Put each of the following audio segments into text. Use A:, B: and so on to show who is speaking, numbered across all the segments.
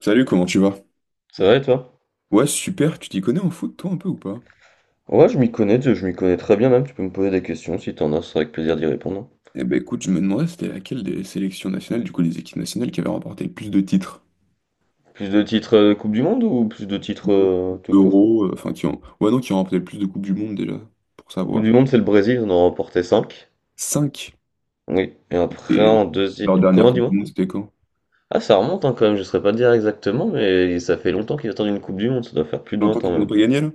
A: Salut, comment tu vas?
B: Ça va et toi?
A: Ouais, super, tu t'y connais en foot, toi, un peu ou pas?
B: Ouais, je m'y connais, je m'y connais très bien même. Tu peux me poser des questions si t'en as, c'est avec plaisir d'y répondre.
A: Eh ben écoute, je me demandais c'était laquelle des sélections nationales, du coup des équipes nationales qui avaient remporté le plus de titres.
B: Plus de titres Coupe du Monde ou plus de titres tout court?
A: Euro, enfin qui ont. Ouais non, qui ont remporté le plus de Coupes du Monde déjà, pour
B: Coupe
A: savoir.
B: du Monde, c'est le Brésil, on en a remporté 5.
A: 5.
B: Oui, et après
A: Et
B: en deuxième.
A: leur dernière
B: Comment
A: Coupe du
B: dis-moi?
A: Monde, c'était quand?
B: Ah, ça remonte hein, quand même, je saurais pas te dire exactement, mais ça fait longtemps qu'ils attendent une Coupe du Monde, ça doit faire plus de
A: Longtemps
B: 20 ans
A: qu'ils n'ont
B: même.
A: pas gagné là?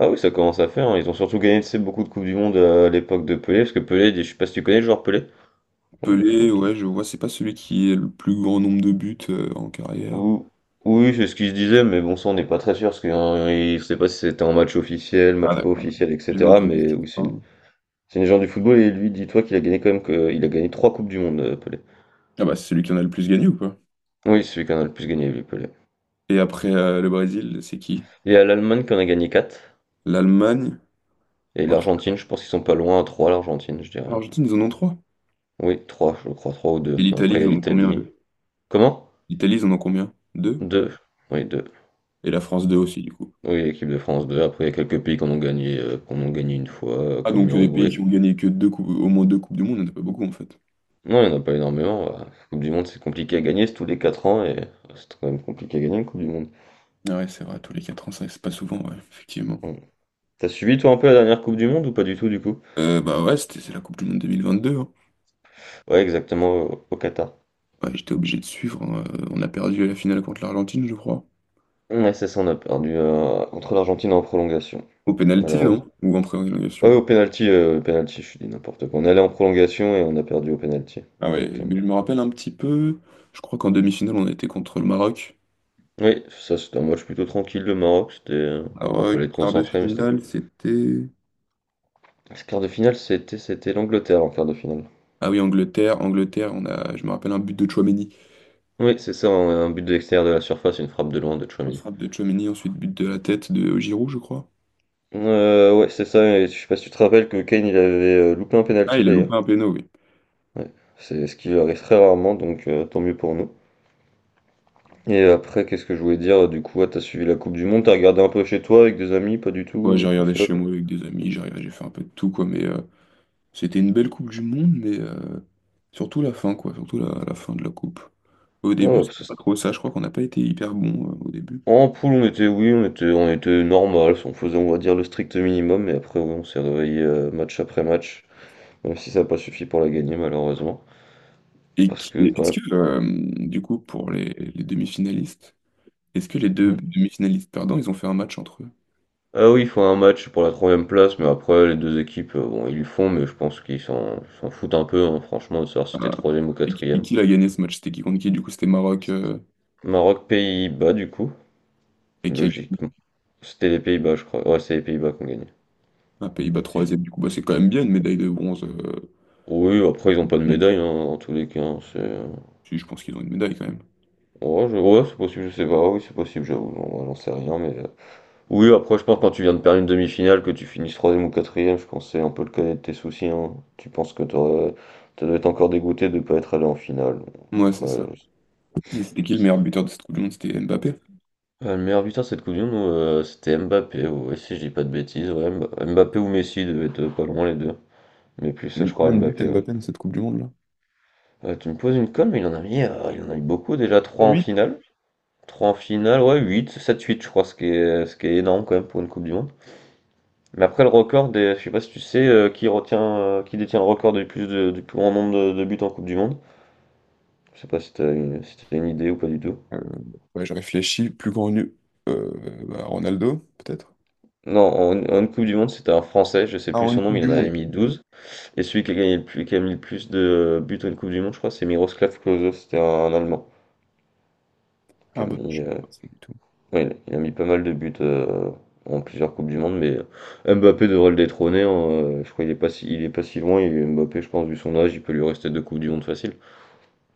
B: Ah oui, ça commence à faire, hein. Ils ont surtout gagné, tu sais, beaucoup de Coupes du Monde à l'époque de Pelé, parce que Pelé, je sais pas si tu connais le joueur Pelé. Joueur de
A: Pelé,
B: foot.
A: ouais, je vois, c'est pas celui qui est le plus grand nombre de buts en carrière.
B: Ou- Oui, c'est ce qu'il se disait, mais bon, ça on n'est pas très sûr, parce qu'il ne sait pas si c'était un match officiel,
A: Ah
B: match pas
A: d'accord.
B: officiel,
A: J'avais
B: etc.
A: entendu ce
B: Mais
A: titre,
B: oui,
A: hein.
B: c'est une légende du football, et lui, dis-toi qu'il a gagné quand même, que, il a gagné trois Coupes du Monde, Pelé.
A: Ah bah c'est celui qui en a le plus gagné ou pas?
B: Oui, c'est celui qui en a le plus gagné, lui, Pelé.
A: Et après le Brésil, c'est qui?
B: Il y a l'Allemagne qui en a gagné quatre,
A: L'Allemagne?
B: et l'Argentine, je pense qu'ils sont pas loin à trois, l'Argentine, je dirais.
A: L'Argentine, ils en ont trois.
B: Oui, trois, je crois, trois ou
A: Et
B: deux.
A: l'Italie,
B: Après, il y
A: ils
B: a
A: en ont combien,
B: l'Italie.
A: eux?
B: Comment?
A: L'Italie, ils en ont combien? Deux.
B: Deux. Oui, deux.
A: Et la France, deux aussi, du coup.
B: Oui, l'équipe de France, deux. Après, il y a quelques pays qu'on a gagné une fois,
A: Ah,
B: comme
A: donc des pays
B: l'Uruguay.
A: qui ont gagné que deux coupes, au moins deux Coupes du Monde, il n'y en a pas beaucoup, en fait.
B: Non, il y en a pas énormément. Bah, La Coupe du Monde, c'est compliqué à gagner, c'est tous les 4 ans et c'est quand même compliqué à gagner une Coupe du Monde.
A: Ah ouais, c'est vrai, tous les 4 ans, ça, c'est pas souvent, ouais, effectivement.
B: Mm. T'as suivi toi un peu la dernière Coupe du Monde ou pas du tout du coup?
A: Bah ouais, c'est la Coupe du Monde 2022, hein.
B: Ouais, exactement au Qatar.
A: Ouais, j'étais obligé de suivre, hein. On a perdu à la finale contre l'Argentine, je crois.
B: Ouais, c'est ça, on a perdu contre l'Argentine en prolongation,
A: Au pénalty, non?
B: malheureusement.
A: Ou en
B: Ouais,
A: prolongation?
B: au penalty, je dis n'importe quoi. On allait en prolongation et on a perdu au penalty.
A: Ah ouais,
B: Exactement.
A: mais je me rappelle un petit peu. Je crois qu'en demi-finale, on a été contre le Maroc.
B: Oui, ça c'était un match plutôt tranquille, le Maroc. C'était,
A: Ah
B: bon,
A: ouais,
B: fallait être
A: quart de
B: concentré, mais c'était.
A: finale, c'était.
B: Ce quart de finale, c'était l'Angleterre en quart de finale.
A: Ah oui, Angleterre, Angleterre, on a, je me rappelle un but de Tchouaméni.
B: Oui, c'est ça, un but de l'extérieur de la surface, une frappe de loin de
A: On se
B: Tchouaméni.
A: frappe de Tchouaméni, ensuite but de la tête de Giroud, je crois.
B: Ouais, c'est ça. Et je sais pas si tu te rappelles que Kane il avait loupé un
A: Ah,
B: penalty
A: il a loupé
B: d'ailleurs.
A: un péno, oui.
B: Ouais. C'est ce qui lui arrive très rarement, donc tant mieux pour nous. Et après, qu'est-ce que je voulais dire? Du coup, ouais, t'as suivi la Coupe du Monde, t'as regardé un peu chez toi avec des amis, pas du
A: Ouais,
B: tout,
A: j'ai
B: tout
A: regardé
B: seul.
A: chez moi avec des amis, j'ai regardé, j'ai fait un peu de tout, quoi. Mais c'était une belle Coupe du Monde, mais surtout la fin, quoi. Surtout la fin de la Coupe. Au
B: Ah
A: début,
B: ouais, parce que
A: c'était pas trop ça. Je crois qu'on n'a pas été hyper bon au début.
B: en poule, on était normal, on faisait, on va dire, le strict minimum, mais après, ouais, on s'est réveillé match après match, même si ça n'a pas suffi pour la gagner, malheureusement.
A: Et
B: Parce que,
A: est-ce
B: quand
A: que, du coup, pour les demi-finalistes, est-ce que les deux
B: même.
A: demi-finalistes perdants, ils ont fait un match entre eux?
B: Ah oui, il faut un match pour la troisième place, mais après les deux équipes, bon, ils le font, mais je pense qu'ils s'en foutent un peu, hein, franchement, de savoir si t'es
A: Ah.
B: troisième ou
A: Et qui,
B: quatrième.
A: qui a gagné ce match? C'était qui contre qui? Du coup, c'était Maroc.
B: Maroc, Pays-Bas, du coup,
A: Et qui a
B: logiquement. C'était les Pays-Bas, je crois. Ouais, c'est les Pays-Bas qui ont gagné.
A: un Pays-Bas
B: Si je-
A: troisième, du coup, bah, c'est quand même bien une médaille de bronze.
B: Oui, après, ils ont pas de
A: Bon,
B: médaille, hein, en tous les cas. Hein, c'est...
A: si, je pense qu'ils ont une médaille quand même.
B: Ouais, c'est possible, je sais pas. Oui, c'est possible, j'avoue. J'en sais rien, mais. Oui, après, je pense que quand tu viens de perdre une demi-finale, que tu finisses troisième ou quatrième, je pensais un peu le cas de tes soucis. Hein. Tu penses que t'aurais- tu dois être encore dégoûté de ne pas être allé en finale. Donc,
A: Ouais, c'est
B: Après,
A: ça. Et c'était qui le
B: c'est-
A: meilleur buteur de cette Coupe du Monde? C'était Mbappé.
B: Le meilleur buteur cette Coupe du Monde, c'était Mbappé, ouais, si je dis pas de bêtises. Ouais, Mbappé ou Messi devaient être pas loin les deux. Mais plus,
A: Il a
B: je
A: mis combien
B: crois,
A: de buts
B: Mbappé. Ouais.
A: Mbappé dans cette Coupe du Monde là?
B: Tu me poses une colle, mais il en a mis, il en a eu beaucoup déjà. Trois en
A: Huit.
B: finale. Trois en finale, ouais, huit, sept huit je crois, ce qui est énorme quand même pour une Coupe du Monde. Mais après, le record des, je sais pas si tu sais, qui retient, qui détient le record du plus de, du plus grand nombre de buts en Coupe du Monde. Je sais pas si t'as une, si t'as une idée ou pas du tout.
A: Euh, ouais, je réfléchis, plus connu, euh, bah, Ronaldo, peut-être?
B: Non, en Coupe du Monde, c'était un Français, je sais
A: Ah,
B: plus
A: en une
B: son nom,
A: Coupe
B: mais il
A: du
B: en avait
A: Monde.
B: mis 12. Et celui qui a gagné le plus, qui a mis le plus de buts en Coupe du Monde, je crois, c'est Miroslav Klose, c'était un Allemand. Qui a
A: Ah bah non,
B: mis,
A: je savais pas ça du tout.
B: ouais, il a mis pas mal de buts en plusieurs Coupes du Monde, mais Mbappé devrait le détrôner. Hein, je crois qu'il est pas si, il est pas si loin, et Mbappé, je pense, vu son âge, il peut lui rester deux Coupes du Monde facile.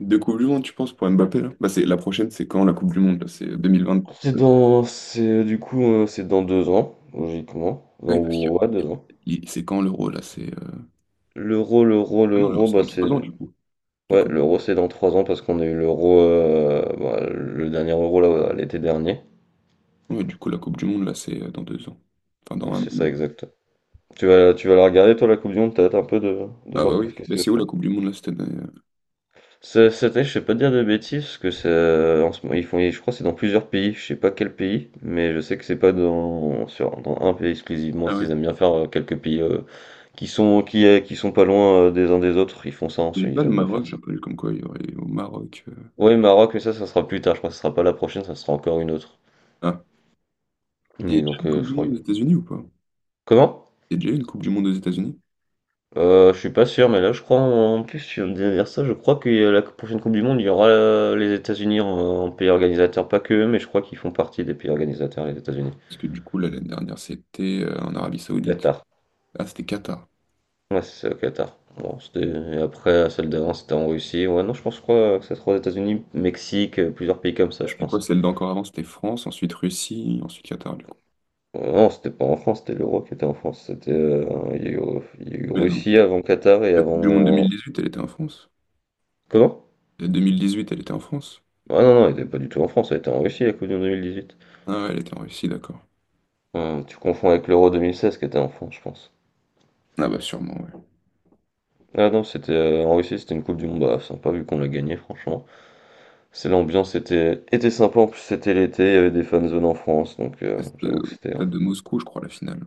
A: Deux Coupes du Monde, tu penses, pour Mbappé là? Bah, c'est, la prochaine, c'est quand la Coupe du Monde là? C'est 2020.
B: C'est du coup, c'est dans 2 ans, logiquement. Dans,
A: Oui parce que
B: ouais, 2 ans.
A: c'est quand l'Euro là? C'est. Ah non, l'Euro,
B: L'euro,
A: c'est
B: bah
A: dans 3 ans
B: c'est,
A: du coup. La
B: ouais,
A: Coupe.
B: l'euro c'est dans 3 ans parce qu'on a eu l'euro, bah, le dernier euro là, ouais, l'été dernier.
A: Ouais, du coup, la Coupe du Monde là, c'est dans 2 ans. Enfin, dans
B: Ouais,
A: un an.
B: C'est ça exact. Tu vas la regarder toi la Coupe du Monde, peut-être un peu de
A: Ah bah
B: voir qu'est-ce
A: oui,
B: que
A: mais
B: c'est.
A: c'est où la Coupe du Monde là cette année?
B: Cette année, je sais pas te dire de bêtises, parce que c'est en ce moment, ils font, je crois que c'est dans plusieurs pays, je sais pas quel pays, mais je sais que c'est pas dans un pays exclusivement,
A: Ah ouais.
B: ils aiment bien faire quelques pays Qui sont qui, eh, qui sont pas loin, des uns des autres, ils font ça, hein,
A: Il n'y a pas
B: ils
A: le
B: aiment bien
A: Maroc,
B: faire
A: j'ai
B: ça.
A: entendu comme quoi il y aurait au Maroc.
B: Oui, Maroc, mais ça sera plus tard, je crois que ça sera pas la prochaine, ça sera encore une autre.
A: Ah, il y a
B: Oui,
A: déjà une
B: donc
A: Coupe
B: je
A: du Monde
B: crois
A: aux États-Unis ou pas?
B: comment?
A: Il y a déjà eu une Coupe du Monde aux États-Unis?
B: Je suis pas sûr, mais là, je crois en en plus, tu viens de dire ça, je crois que la prochaine coupe du monde, il y aura, les États-Unis en pays organisateur, pas qu'eux, mais je crois qu'ils font partie des pays organisateurs, les États-Unis.
A: Parce que du coup, là, l'année dernière, c'était en Arabie Saoudite.
B: Qatar.
A: Ah, c'était Qatar.
B: Ouais, c'est ça, au Qatar. Bon, c'était et après, celle d'avant, c'était en Russie. Ouais, non, je pense, je crois que ça sera aux États-Unis, Mexique, plusieurs pays comme ça,
A: Ah,
B: je
A: c'était quoi
B: pense.
A: celle d'encore avant? C'était France, ensuite Russie, ensuite Qatar, du coup.
B: Non, c'était pas en France, c'était l'Euro qui était en France. C'était, il y a eu, il y a eu
A: Mais non.
B: Russie avant Qatar et
A: La Coupe du Monde
B: avant.
A: 2018, elle était en France.
B: Comment?
A: La 2018, elle était en France.
B: Ah non, non, il était pas du tout en France, elle était en Russie la Coupe du Monde 2018.
A: Ah ouais, elle était en Russie, d'accord.
B: Tu confonds avec l'Euro 2016 qui était en France, je pense.
A: Ah bah sûrement, ouais.
B: Ah non, c'était en Russie, c'était une Coupe du Monde. Bah, sympa vu qu'on l'a gagné, franchement. C'est l'ambiance était, était sympa, en plus c'était l'été, il y avait des fan zones en France, donc
A: Ah, c'était
B: j'avoue que
A: au
B: c'était. Hein.
A: stade de Moscou, je crois, la finale.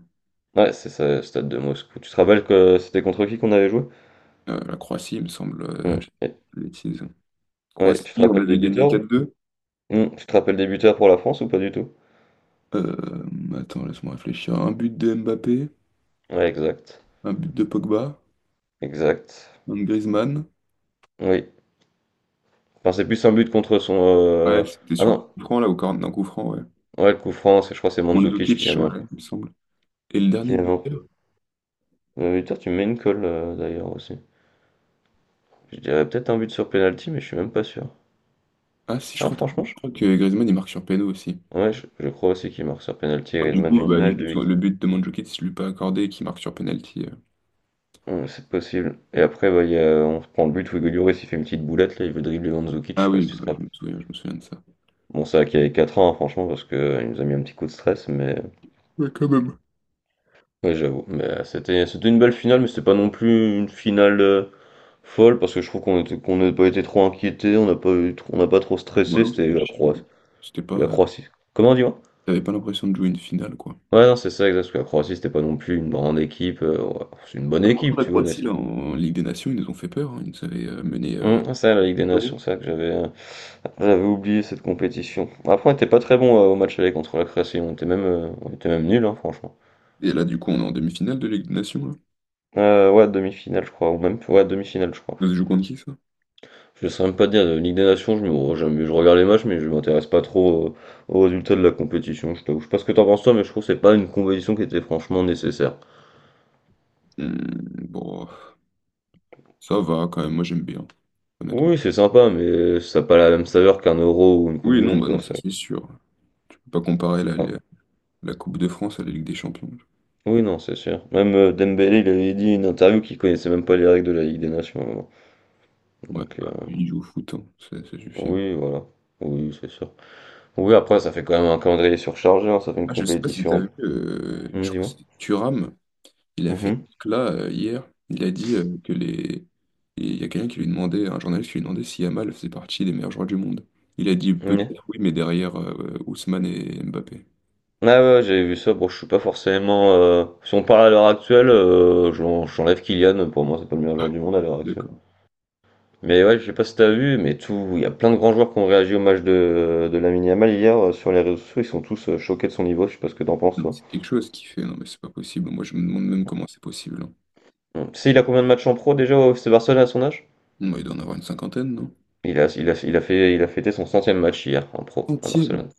B: Ouais, c'est ça, le stade de Moscou. Tu te rappelles que c'était contre qui qu'on avait joué?
A: La Croatie, il me semble,
B: Hum,
A: je dis
B: et-
A: une bêtise.
B: Ouais, tu te
A: Croatie, on
B: rappelles des
A: avait gagné
B: buteurs?
A: 4-2.
B: Tu te rappelles des buteurs pour la France ou pas du tout?
A: Attends, laisse-moi réfléchir. Un but de Mbappé,
B: Ouais, exact.
A: un but de Pogba,
B: Exact.
A: un de Griezmann.
B: Oui. Enfin, c'est plus un but contre son.
A: Ouais, c'était
B: Ah
A: sur un
B: non.
A: coup franc, là, au corner d'un coup franc, ouais.
B: Ouais, le coup franc, c'est- je crois que c'est Mandzukic qui la
A: Mandzukic,
B: met un
A: ouais,
B: peu.
A: il me semble. Et le
B: Qui
A: dernier
B: la met en-
A: buteur?
B: Putain, tu mets une colle d'ailleurs aussi. Je dirais peut-être un but sur penalty, mais je suis même pas sûr.
A: Ah si, je
B: Ah,
A: crois,
B: franchement,
A: je
B: je...
A: crois que Griezmann, il marque sur péno aussi.
B: ouais, je crois aussi qu'il marque sur penalty.
A: Comme du
B: Griezmann, j'ai
A: coup,
B: une
A: bah, du
B: image
A: coup,
B: de l'équipe.
A: le but de Mandzukic, je lui ai pas accordé, qui marque sur penalty.
B: C'est possible. Et après, on prend le but où Hugo Lloris, il fait une petite boulette, là, il veut dribbler Mandzukic, je
A: Ah
B: sais pas
A: oui,
B: si tu
A: bah,
B: te
A: ouais, je
B: rappelles.
A: me souviens, je me souviens de ça.
B: Bon, c'est vrai qu'il avait 4 ans, hein, franchement, parce que il nous a mis un petit coup de stress, mais
A: Ouais, quand même.
B: Ouais, j'avoue. Mais c'était une belle finale, mais c'était pas non plus une finale folle parce que je trouve qu'on était qu'on n'a pas été trop inquiété, on n'a pas trop
A: Ouais,
B: stressé.
A: non,
B: C'était
A: c'était
B: la
A: chill, ouais.
B: Croatie.
A: C'était
B: La
A: pas.
B: Croatie. Comment dis-moi?
A: T'avais pas l'impression de jouer une finale, quoi.
B: Ouais, non, c'est ça, exact. Parce que la Croatie, c'était pas non plus une grande équipe. Ouais, c'est une bonne
A: Pourtant,
B: équipe,
A: la
B: tu vois, mais
A: Croatie,
B: c'est
A: là, en Ligue des Nations, ils nous ont fait peur, hein. Ils nous avaient mené
B: Ça, la Ligue des
A: 0.
B: Nations, c'est ça que j'avais j'avais oublié cette compétition. Après, on était pas très bon au match aller contre la Croatie. On était même nul, franchement.
A: Et là, du coup, on est en demi-finale de Ligue des Nations, là.
B: Ouais, demi-finale, je crois, ou même ouais, demi-finale, je crois.
A: Ça se joue contre qui, ça?
B: Je sais même pas dire, de Ligue des Nations, je regarde les matchs, mais je m'intéresse pas trop aux résultats de la compétition, je t'avoue. Je sais pas ce que t'en penses toi, mais je trouve que c'est pas une compétition qui était franchement nécessaire.
A: Hmm, bon, ça va quand même, moi j'aime bien, honnêtement.
B: Oui, c'est sympa, mais ça n'a pas la même saveur qu'un Euro ou une Coupe
A: Oui,
B: du
A: non,
B: Monde,
A: bah
B: quoi.
A: non, ça
B: Ça.
A: c'est sûr. Je peux pas comparer la,
B: Enfin,
A: la, la Coupe de France à la Ligue des Champions. Ouais,
B: oui, non, c'est sûr. Même Dembélé, il avait dit une interview qu'il connaissait même pas les règles de la Ligue des Nations. À un moment.
A: bah,
B: Donc,
A: il joue au foot, hein, ça suffit.
B: oui, voilà. Oui, c'est sûr. Oui, après, ça fait quand même un calendrier surchargé, hein, ça fait une
A: Ah, je sais pas si t'as
B: compétition.
A: vu, je crois que
B: Dis-moi.
A: c'est Thuram, il a fait une décla hier, il a dit que les. Il y a quelqu'un qui lui demandait, un journaliste qui lui demandait si Yamal faisait partie des meilleurs joueurs du monde. Il a dit
B: Mhm.
A: peut-être oui, mais derrière Ousmane et Mbappé.
B: Ah ouais, j'ai vu ça. Bon, je suis pas forcément. Si on parle à l'heure actuelle, j'enlève Kylian. Pour moi, c'est pas le meilleur joueur du monde à l'heure actuelle.
A: D'accord.
B: Mais ouais, je sais pas si t'as vu, mais tout, il y a plein de grands joueurs qui ont réagi au match de Lamine Yamal hier sur les réseaux sociaux. Ils sont tous choqués de son niveau. Je sais pas ce que t'en penses,
A: Non,
B: toi.
A: c'est quelque chose qui fait. Non, mais c'est pas possible. Moi, je me demande même comment c'est possible, hein.
B: Hum. Tu sais, il a combien de matchs en pro déjà au FC Barcelone à son âge?
A: Non, il doit en avoir une cinquantaine, non?
B: Il a fait, il a fêté son centième match hier en pro à
A: Centième.
B: Barcelone.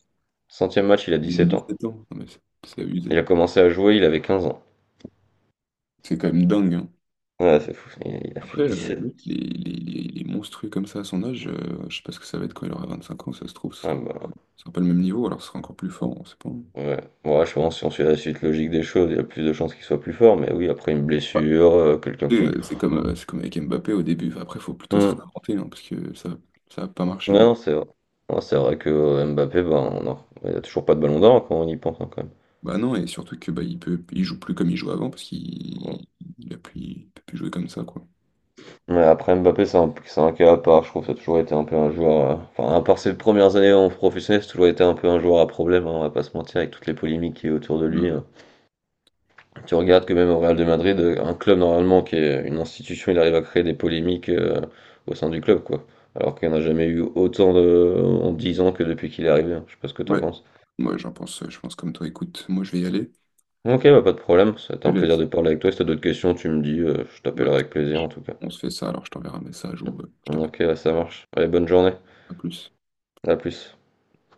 B: Centième match, il a dix
A: Il a
B: sept ans.
A: 17 ans. Non, mais c'est abusé.
B: Il a commencé à jouer, il avait 15 ans.
A: C'est quand même dingue, hein.
B: Ouais, c'est fou. Il a fait
A: Après,
B: dix
A: le
B: sept
A: mec, il est monstrueux comme ça à son âge. Je sais pas ce que ça va être quand il aura 25 ans. Ça se trouve, ce
B: Ah
A: sera,
B: bah,
A: ce sera pas le même niveau. Alors, ce sera encore plus fort. On sait pas, hein.
B: Ouais, ouais, je pense que si on suit la suite logique des choses, il y a plus de chances qu'il soit plus fort, mais oui, après une
A: Bah,
B: blessure, quelqu'un
A: tu sais,
B: qui.
A: c'est comme avec Mbappé au début. Enfin, après, il faut plutôt se
B: Hmm.
A: réinventer hein, parce que ça a pas marché au
B: Ouais,
A: bout.
B: Non, c'est vrai. Ouais, c'est vrai que Mbappé, ben, non, il n'y a toujours pas de ballon d'or hein, quand on y pense hein, quand même.
A: Bah non, et surtout que bah, il joue plus comme il jouait avant parce
B: Bon.
A: qu'il il a plus, il peut plus jouer comme ça, quoi.
B: Mais après Mbappé, c'est c'est un cas à part, je trouve que ça a toujours été un peu un joueur. Enfin, à part ses premières années en professionnel, c'est toujours été un peu un joueur à problème, hein, on va pas se mentir, avec toutes les polémiques qui est autour de lui.
A: Ouais.
B: Hein. Tu regardes que même au Real de Madrid, un club normalement qui est une institution, il arrive à créer des polémiques au sein du club, quoi. Alors qu'il n'y en a jamais eu autant de... en 10 ans que depuis qu'il est arrivé. Hein. Je sais pas ce que t'en
A: Ouais,
B: penses.
A: moi j'en pense, je pense comme toi. Écoute, moi je vais y aller.
B: Ok, bah pas de problème, ça a été
A: Je te
B: un plaisir
A: laisse.
B: de parler avec toi. Si t'as d'autres questions, tu me dis, je
A: Ouais.
B: t'appellerai avec plaisir en tout cas.
A: On se fait ça, alors je t'enverrai un message ou je t'appelle.
B: Ok, ça marche. Allez, bonne journée,
A: À plus.
B: à plus.